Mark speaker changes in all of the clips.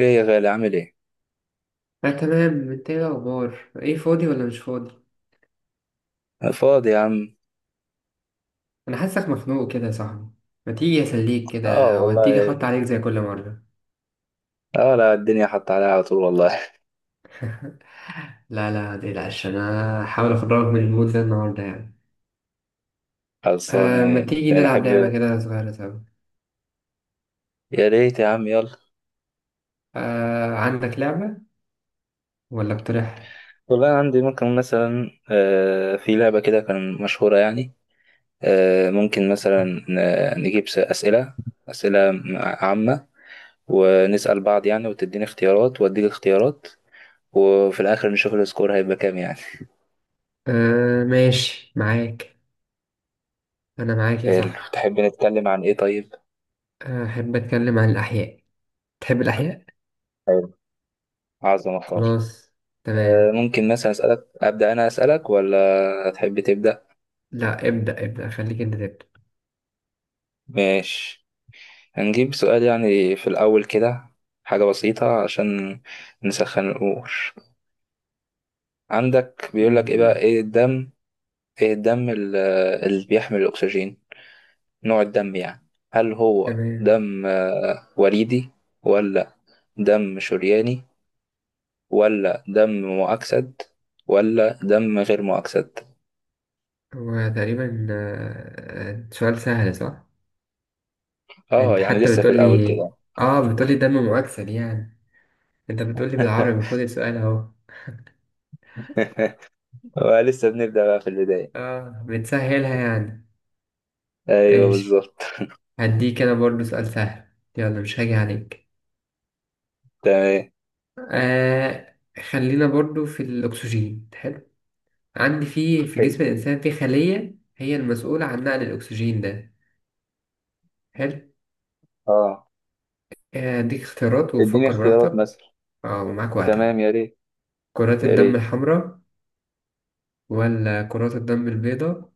Speaker 1: ايه يا غالي عامل ايه؟
Speaker 2: لا تمام. انت ايه الاخبار؟ ايه فاضي ولا مش فاضي؟
Speaker 1: فاضي يا عم.
Speaker 2: انا حاسك مخنوق كده يا صاحبي. ما تيجي اسليك
Speaker 1: اه
Speaker 2: كده؟ وهتيجي
Speaker 1: والله.
Speaker 2: احط عليك زي كل مره.
Speaker 1: اه، لا الدنيا حط عليها على طول والله.
Speaker 2: لا لا متقلقش، انا هحاول اخرجك من المود ده النهارده يعني.
Speaker 1: خلصانة.
Speaker 2: آه، ما تيجي
Speaker 1: يعني
Speaker 2: نلعب لعبه
Speaker 1: احب،
Speaker 2: كده صغيره سوا؟
Speaker 1: يا ريت يا عم يلا.
Speaker 2: آه، عندك لعبه ولا اقترح؟
Speaker 1: والله أنا عندي، ممكن مثلا في لعبة كده كان مشهورة يعني. ممكن مثلا نجيب أسئلة، أسئلة عامة، ونسأل بعض يعني، وتديني اختيارات وأديك اختيارات، وفي الآخر نشوف السكور هيبقى كام يعني.
Speaker 2: آه ماشي معاك، انا معاك يا صاحبي.
Speaker 1: تحب نتكلم عن ايه طيب؟
Speaker 2: احب اتكلم عن الاحياء. تحب الاحياء.
Speaker 1: حلو، عظمة خالص.
Speaker 2: خلاص، تمام.
Speaker 1: ممكن مثلا أسألك، أبدأ أنا أسألك ولا تحب تبدأ؟
Speaker 2: لا ابدا ابدا، خليك انت تبدا.
Speaker 1: ماشي، هنجيب سؤال يعني في الأول كده، حاجة بسيطة عشان نسخن الأمور. عندك بيقولك إيه بقى،
Speaker 2: مم،
Speaker 1: إيه الدم، إيه الدم اللي بيحمل الأكسجين، نوع الدم يعني، هل هو
Speaker 2: تمام.
Speaker 1: دم وريدي ولا دم شرياني، ولا دم مؤكسد ولا دم غير مؤكسد؟
Speaker 2: هو تقريبا سؤال سهل، صح؟
Speaker 1: آه
Speaker 2: انت
Speaker 1: يعني
Speaker 2: حتى
Speaker 1: لسه في الأول
Speaker 2: بتقولي، اه بتقولي دم مؤكسد يعني، انت بتقولي
Speaker 1: كده.
Speaker 2: بالعربي، خد السؤال اهو.
Speaker 1: لسه بنبدأ بقى في البداية.
Speaker 2: اه بتسهلها يعني.
Speaker 1: ايوه
Speaker 2: ايش،
Speaker 1: بالظبط.
Speaker 2: هديك انا برضو سؤال سهل، يلا مش هاجي عليك.
Speaker 1: تمام،
Speaker 2: آه، خلينا برضو في الاكسجين. حلو. عندي في
Speaker 1: حلو.
Speaker 2: جسم الانسان في خلية هي المسؤولة عن نقل الاكسجين ده. حلو.
Speaker 1: اه
Speaker 2: اديك اختيارات
Speaker 1: اديني
Speaker 2: وفكر
Speaker 1: اختيارات
Speaker 2: براحتك.
Speaker 1: مثلا.
Speaker 2: اه ومعاك وقتك.
Speaker 1: تمام يا ريت،
Speaker 2: كرات
Speaker 1: يا
Speaker 2: الدم
Speaker 1: ريت.
Speaker 2: الحمراء، ولا كرات الدم البيضاء،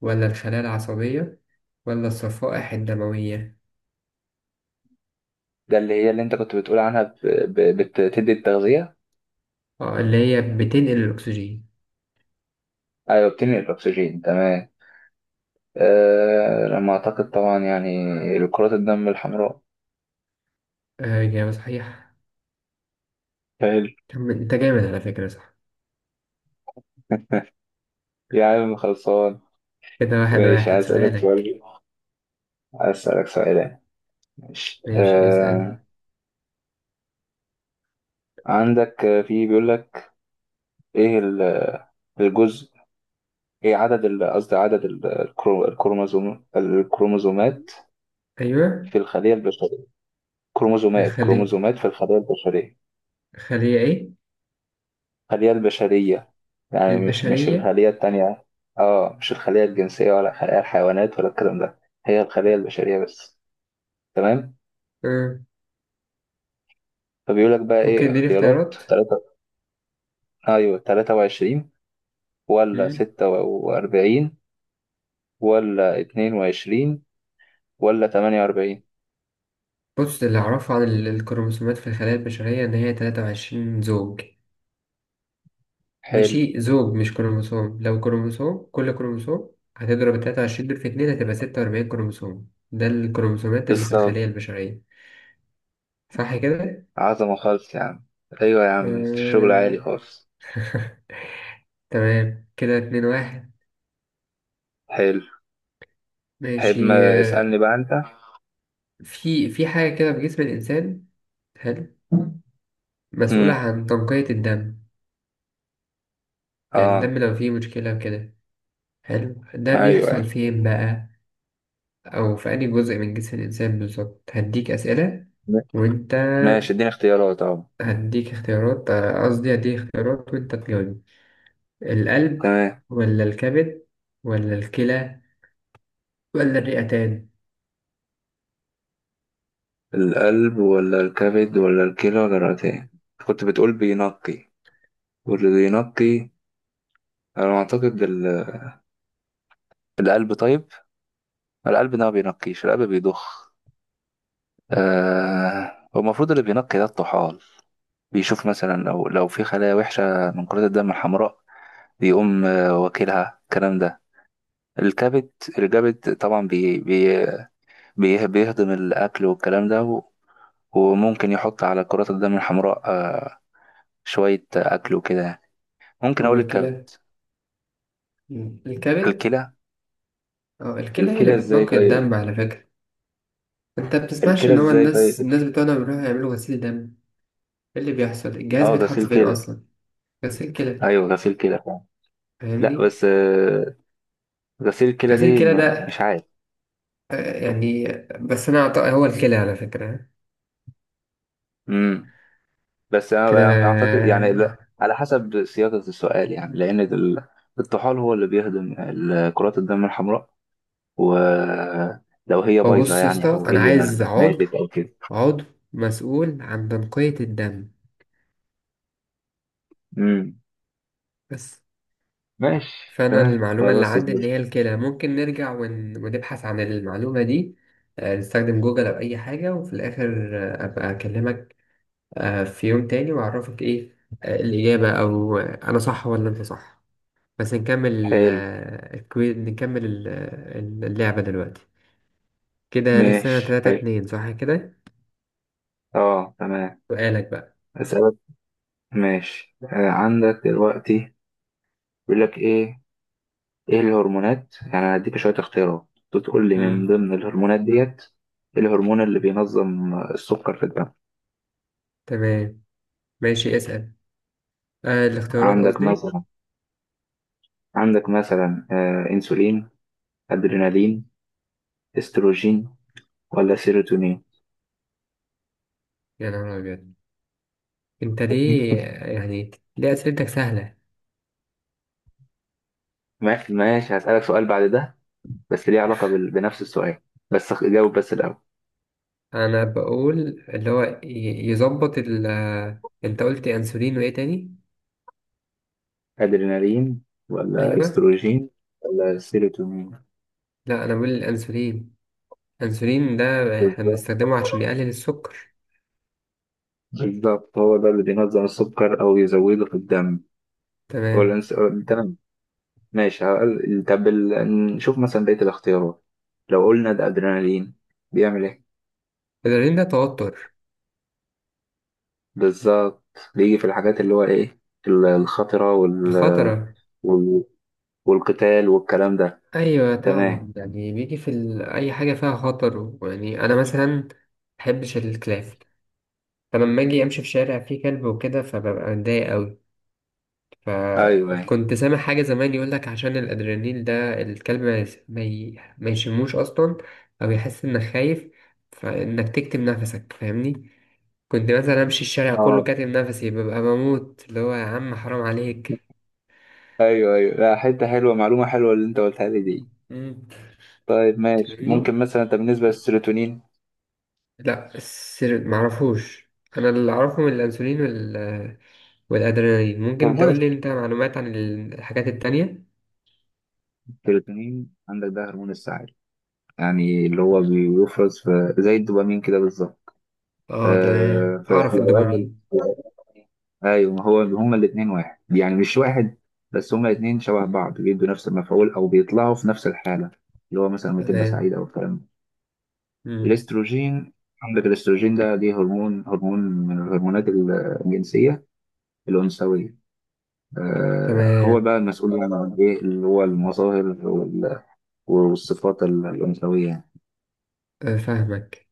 Speaker 2: ولا الخلايا العصبية، ولا الصفائح الدموية؟
Speaker 1: ده اللي هي اللي انت كنت بتقول عنها بتدي التغذية.
Speaker 2: اه، اللي هي بتنقل الأكسجين.
Speaker 1: ايوه بتنقل الاكسجين تمام. آه لما اعتقد طبعا يعني كرات الدم الحمراء.
Speaker 2: آه، إجابة صحيحة.
Speaker 1: حلو.
Speaker 2: طب أنت جامد على فكرة، صح؟
Speaker 1: يا عم خلصان.
Speaker 2: كده واحد
Speaker 1: ماشي،
Speaker 2: واحد. سؤالك.
Speaker 1: هسألك سؤال. ماشي
Speaker 2: ماشي اسأل.
Speaker 1: آه. عندك في بيقول لك ايه الجزء، ايه عدد قصدي عدد الكروموزومات
Speaker 2: أيوة.
Speaker 1: في الخلية البشرية، كروموزومات،
Speaker 2: الخلية،
Speaker 1: كروموزومات في الخلية البشرية،
Speaker 2: الخلية إيه؟
Speaker 1: الخلية البشرية، يعني مش
Speaker 2: البشرية.
Speaker 1: الخلية التانية، اه مش الخلية الجنسية ولا الخلية الحيوانات ولا الكلام ده، هي الخلية البشرية بس. تمام.
Speaker 2: آه.
Speaker 1: فبيقول لك بقى
Speaker 2: ممكن
Speaker 1: ايه،
Speaker 2: اديني
Speaker 1: اختيارات
Speaker 2: اختيارات.
Speaker 1: تلاتة: ايوه 23 ولا
Speaker 2: مم.
Speaker 1: 46 ولا 22 ولا 48؟
Speaker 2: بص، اللي أعرفه عن الكروموسومات في الخلايا البشرية إن هي تلاتة وعشرين زوج.
Speaker 1: حلو،
Speaker 2: ماشي، زوج مش كروموسوم، لو كروموسوم كل كروموسوم هتضرب 23 دول في اتنين هتبقى 46 كروموسوم، ده الكروموسومات اللي في الخلية
Speaker 1: بالظبط.
Speaker 2: البشرية. صح كده؟
Speaker 1: عظمة خالص يا عم، أيوة يا عم الشغل عالي
Speaker 2: آه.
Speaker 1: خالص.
Speaker 2: تمام، كده اتنين واحد.
Speaker 1: حلو.
Speaker 2: ماشي.
Speaker 1: تحب ما
Speaker 2: آه،
Speaker 1: اسألني بقى أنت.
Speaker 2: في في حاجة كده في جسم الإنسان. حلو. مسؤولة
Speaker 1: مم.
Speaker 2: عن تنقية الدم، يعني
Speaker 1: آه،
Speaker 2: الدم لو فيه مشكلة كده. حلو، ده
Speaker 1: أيوة
Speaker 2: بيحصل
Speaker 1: أيوة.
Speaker 2: فين بقى؟ أو في أي جزء من جسم الإنسان بالظبط. هديك أسئلة
Speaker 1: م-
Speaker 2: وأنت
Speaker 1: ماشي اديني اختيارات أهو.
Speaker 2: هديك اختيارات. قصدي هديك اختيارات وانت تجاوب. القلب،
Speaker 1: تمام،
Speaker 2: ولا الكبد، ولا الكلى، ولا الرئتان؟
Speaker 1: القلب ولا الكبد ولا الكلى ولا الرئتين؟ كنت بتقول بينقي، واللي بينقي، أنا أعتقد القلب، طيب القلب ده ما بينقيش، القلب بيضخ، آه، هو المفروض اللي بينقي ده الطحال، بيشوف مثلا لو في خلايا وحشة من كرات الدم الحمراء، بيقوم واكلها الكلام ده. الكبد، الكبد طبعا بيهضم الأكل والكلام ده، وممكن يحط على كرات الدم الحمراء شوية أكل وكده يعني. ممكن
Speaker 2: هو
Speaker 1: أقول الكبد.
Speaker 2: الكلى. مم. الكبد.
Speaker 1: الكلى.
Speaker 2: اه، الكلى هي اللي
Speaker 1: الكلى ازاي
Speaker 2: بتنقي
Speaker 1: طيب،
Speaker 2: الدم على فكرة. انت بتسمعش
Speaker 1: الكلى
Speaker 2: ان هو
Speaker 1: ازاي
Speaker 2: الناس
Speaker 1: طيب.
Speaker 2: الناس بتوعنا بيروحوا يعملوا غسيل دم؟ ايه اللي بيحصل؟ الجهاز
Speaker 1: اه
Speaker 2: بيتحط
Speaker 1: غسيل
Speaker 2: فين
Speaker 1: كلى.
Speaker 2: اصلا؟ غسيل كلى.
Speaker 1: ايوه غسيل كلى فعلا. لا
Speaker 2: فاهمني؟
Speaker 1: بس غسيل كلى
Speaker 2: غسيل
Speaker 1: دي
Speaker 2: كلى
Speaker 1: مش
Speaker 2: ده،
Speaker 1: عارف.
Speaker 2: يعني، بس انا أعتقد هو الكلى على فكرة،
Speaker 1: امم،
Speaker 2: كده.
Speaker 1: اعتقد يعني، لا على حسب صياغة السؤال يعني، لان الطحال هو اللي بيهضم كرات الدم الحمراء، ولو هي
Speaker 2: هو
Speaker 1: بايظة
Speaker 2: بص يا
Speaker 1: يعني،
Speaker 2: اسطى،
Speaker 1: أو
Speaker 2: انا
Speaker 1: هي
Speaker 2: عايز عضو،
Speaker 1: ماتت أو كده.
Speaker 2: عضو مسؤول عن تنقية الدم
Speaker 1: امم،
Speaker 2: بس.
Speaker 1: ماشي
Speaker 2: فأنا
Speaker 1: تمام،
Speaker 2: المعلومة اللي
Speaker 1: خلاص يا
Speaker 2: عندي إن
Speaker 1: زميلي.
Speaker 2: هي الكلى. ممكن نرجع ونبحث عن المعلومة دي، آه، نستخدم جوجل أو أي حاجة، وفي الآخر آه، أبقى أكلمك آه، في يوم تاني وأعرفك إيه آه، الإجابة، أو آه، أنا صح ولا أنت صح. بس نكمل
Speaker 1: حلو،
Speaker 2: آه، الكوي... نكمل ال- آه، اللعبة دلوقتي. كده لسه
Speaker 1: ماشي،
Speaker 2: تلاتة
Speaker 1: حلو،
Speaker 2: اتنين، صح كده؟
Speaker 1: اه تمام.
Speaker 2: سؤالك بقى.
Speaker 1: أسألك، ماشي آه. عندك دلوقتي بيقول لك إيه، إيه الهرمونات، يعني أنا هديك شوية اختيارات تقول لي من
Speaker 2: مم.
Speaker 1: ضمن الهرمونات ديت إيه الهرمون اللي بينظم السكر في الدم.
Speaker 2: تمام، ماشي اسأل. آه، الاختيارات
Speaker 1: عندك
Speaker 2: قصدي.
Speaker 1: مثلا، عندك مثلا انسولين، ادرينالين، استروجين، ولا سيروتونين؟
Speaker 2: يا نهار أبيض، انت ليه يعني؟ ليه اسئلتك سهله؟
Speaker 1: ماشي هسألك سؤال بعد ده، بس ليه علاقة بنفس السؤال، بس جاوب بس الأول.
Speaker 2: انا بقول اللي هو يظبط ال. انت قلت انسولين وايه تاني؟
Speaker 1: أدرينالين ولا
Speaker 2: ايوه.
Speaker 1: استروجين ولا سيروتونين؟
Speaker 2: لا انا بقول الانسولين. الانسولين ده احنا
Speaker 1: بالظبط،
Speaker 2: بنستخدمه عشان يقلل السكر.
Speaker 1: بالظبط، هو ده اللي بينظم السكر أو يزوده في الدم. هو
Speaker 2: تمام.
Speaker 1: الأنس... تمام. ماشي طب نشوف مثلا بقية الاختيارات، لو قلنا ده أدرينالين بيعمل إيه؟
Speaker 2: الادرينالين ده توتر.
Speaker 1: بالظبط، بيجي في الحاجات اللي هو إيه، الخطرة
Speaker 2: الخطره.
Speaker 1: وال... والقتال والكلام ده.
Speaker 2: ايوه
Speaker 1: تمام،
Speaker 2: طبعا، يعني بيجي في ال... اي حاجه فيها خطر. يعني انا مثلا محبش الكلاب، فلما اجي امشي في شارع فيه كلب وكده فببقى متضايق أوي.
Speaker 1: أيوه
Speaker 2: فكنت سامع حاجة زمان، يقولك عشان الأدرينالين ده الكلب ما يس- ما ي- ما يشموش أصلا، أو يحس إنك خايف، فإنك تكتم نفسك، فاهمني؟ كنت مثلا أمشي الشارع كله
Speaker 1: أيوه،
Speaker 2: كاتم نفسي، ببقى بموت، اللي هو يا عم حرام عليك.
Speaker 1: ايوه ايوه، لا حته حلوه، معلومه حلوه اللي انت قلتها لي دي.
Speaker 2: مم.
Speaker 1: طيب ماشي،
Speaker 2: فاهمني؟
Speaker 1: ممكن مثلا انت بالنسبه للسيروتونين.
Speaker 2: لا السر معرفوش. أنا اللي أعرفه من الأنسولين وال... والأدرينالين. ممكن
Speaker 1: هرمون
Speaker 2: تقولي أنت معلومات عن الحاجات التانية؟
Speaker 1: السيروتونين، عندك ده هرمون السعاده، يعني اللي هو بيفرز في زي الدوبامين كده بالظبط.
Speaker 2: آه تمام،
Speaker 1: آه في
Speaker 2: أعرف
Speaker 1: الاوقات
Speaker 2: الدوبامين.
Speaker 1: ايوه، ما هو هما الاثنين واحد، يعني مش واحد، بس هما الاثنين شبه بعض، بيدوا نفس المفعول او بيطلعوا في نفس الحاله، اللي هو مثلا لما تبقى
Speaker 2: تمام.
Speaker 1: سعيده او الكلام ده.
Speaker 2: مم.
Speaker 1: الاستروجين، عندك الاستروجين ده ليه هرمون، هرمون من الهرمونات الجنسيه الانثويه، آه، هو
Speaker 2: تمام.
Speaker 1: بقى المسؤول يعني عن ايه، اللي هو المظاهر والصفات الأنثوية يعني.
Speaker 2: آه، فاهمك.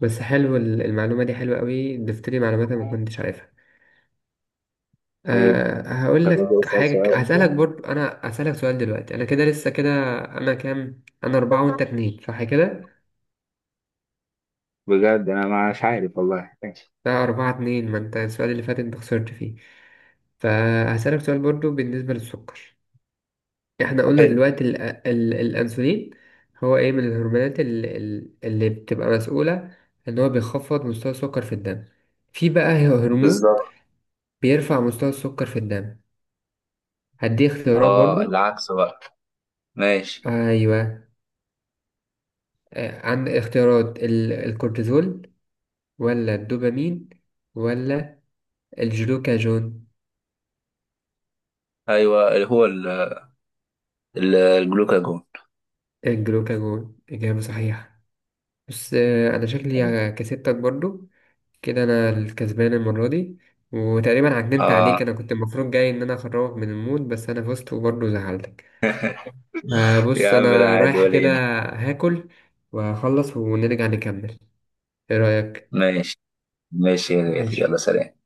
Speaker 2: بس حلو المعلومة دي حلوة قوي، ضفت لي معلومات أنا ما كنتش عارفها.
Speaker 1: آه،
Speaker 2: أه هقول
Speaker 1: طب أجي
Speaker 2: لك
Speaker 1: أسأل سؤال
Speaker 2: حاجة، هسألك
Speaker 1: أنت.
Speaker 2: برضو، أنا هسألك سؤال دلوقتي، أنا كده لسه كده. أنا كام؟ أنا أربعة وأنت اتنين، صح كده؟
Speaker 1: بجد أنا مش عارف والله، ماشي،
Speaker 2: لا، أربعة اتنين، ما أنت السؤال اللي فات أنت خسرت فيه. فهسألك سؤال برضو بالنسبة للسكر. احنا قلنا
Speaker 1: حلو،
Speaker 2: دلوقتي ال الأنسولين هو ايه من الهرمونات اللي، اللي بتبقى مسؤولة ان هو بيخفض مستوى السكر في الدم. في بقى هرمون
Speaker 1: بالظبط.
Speaker 2: بيرفع مستوى السكر في الدم. هدي اختيارات
Speaker 1: اه
Speaker 2: برضو.
Speaker 1: العكس بقى، ماشي،
Speaker 2: ايوه. آه، عند اختيارات الكورتيزول، ولا الدوبامين، ولا الجلوكاجون؟
Speaker 1: ايوه اللي هو الجلوكاجون.
Speaker 2: الجلوكاجون اجابه صحيحه. بس آه، انا شكلي كسبتك برضو، كده انا الكسبان المره دي. وتقريبا عجنت عليك،
Speaker 1: اه
Speaker 2: انا كنت المفروض جاي ان انا اخرجك من المود، بس انا فزت وبرضه زعلتك. آه بص،
Speaker 1: يا عم لا
Speaker 2: انا
Speaker 1: عادي
Speaker 2: رايح
Speaker 1: ولا
Speaker 2: كده
Speaker 1: يهمك.
Speaker 2: هاكل واخلص ونرجع نكمل، ايه رايك؟
Speaker 1: ماشي. ماشي يا غالي. يلا
Speaker 2: ماشي.
Speaker 1: سلام.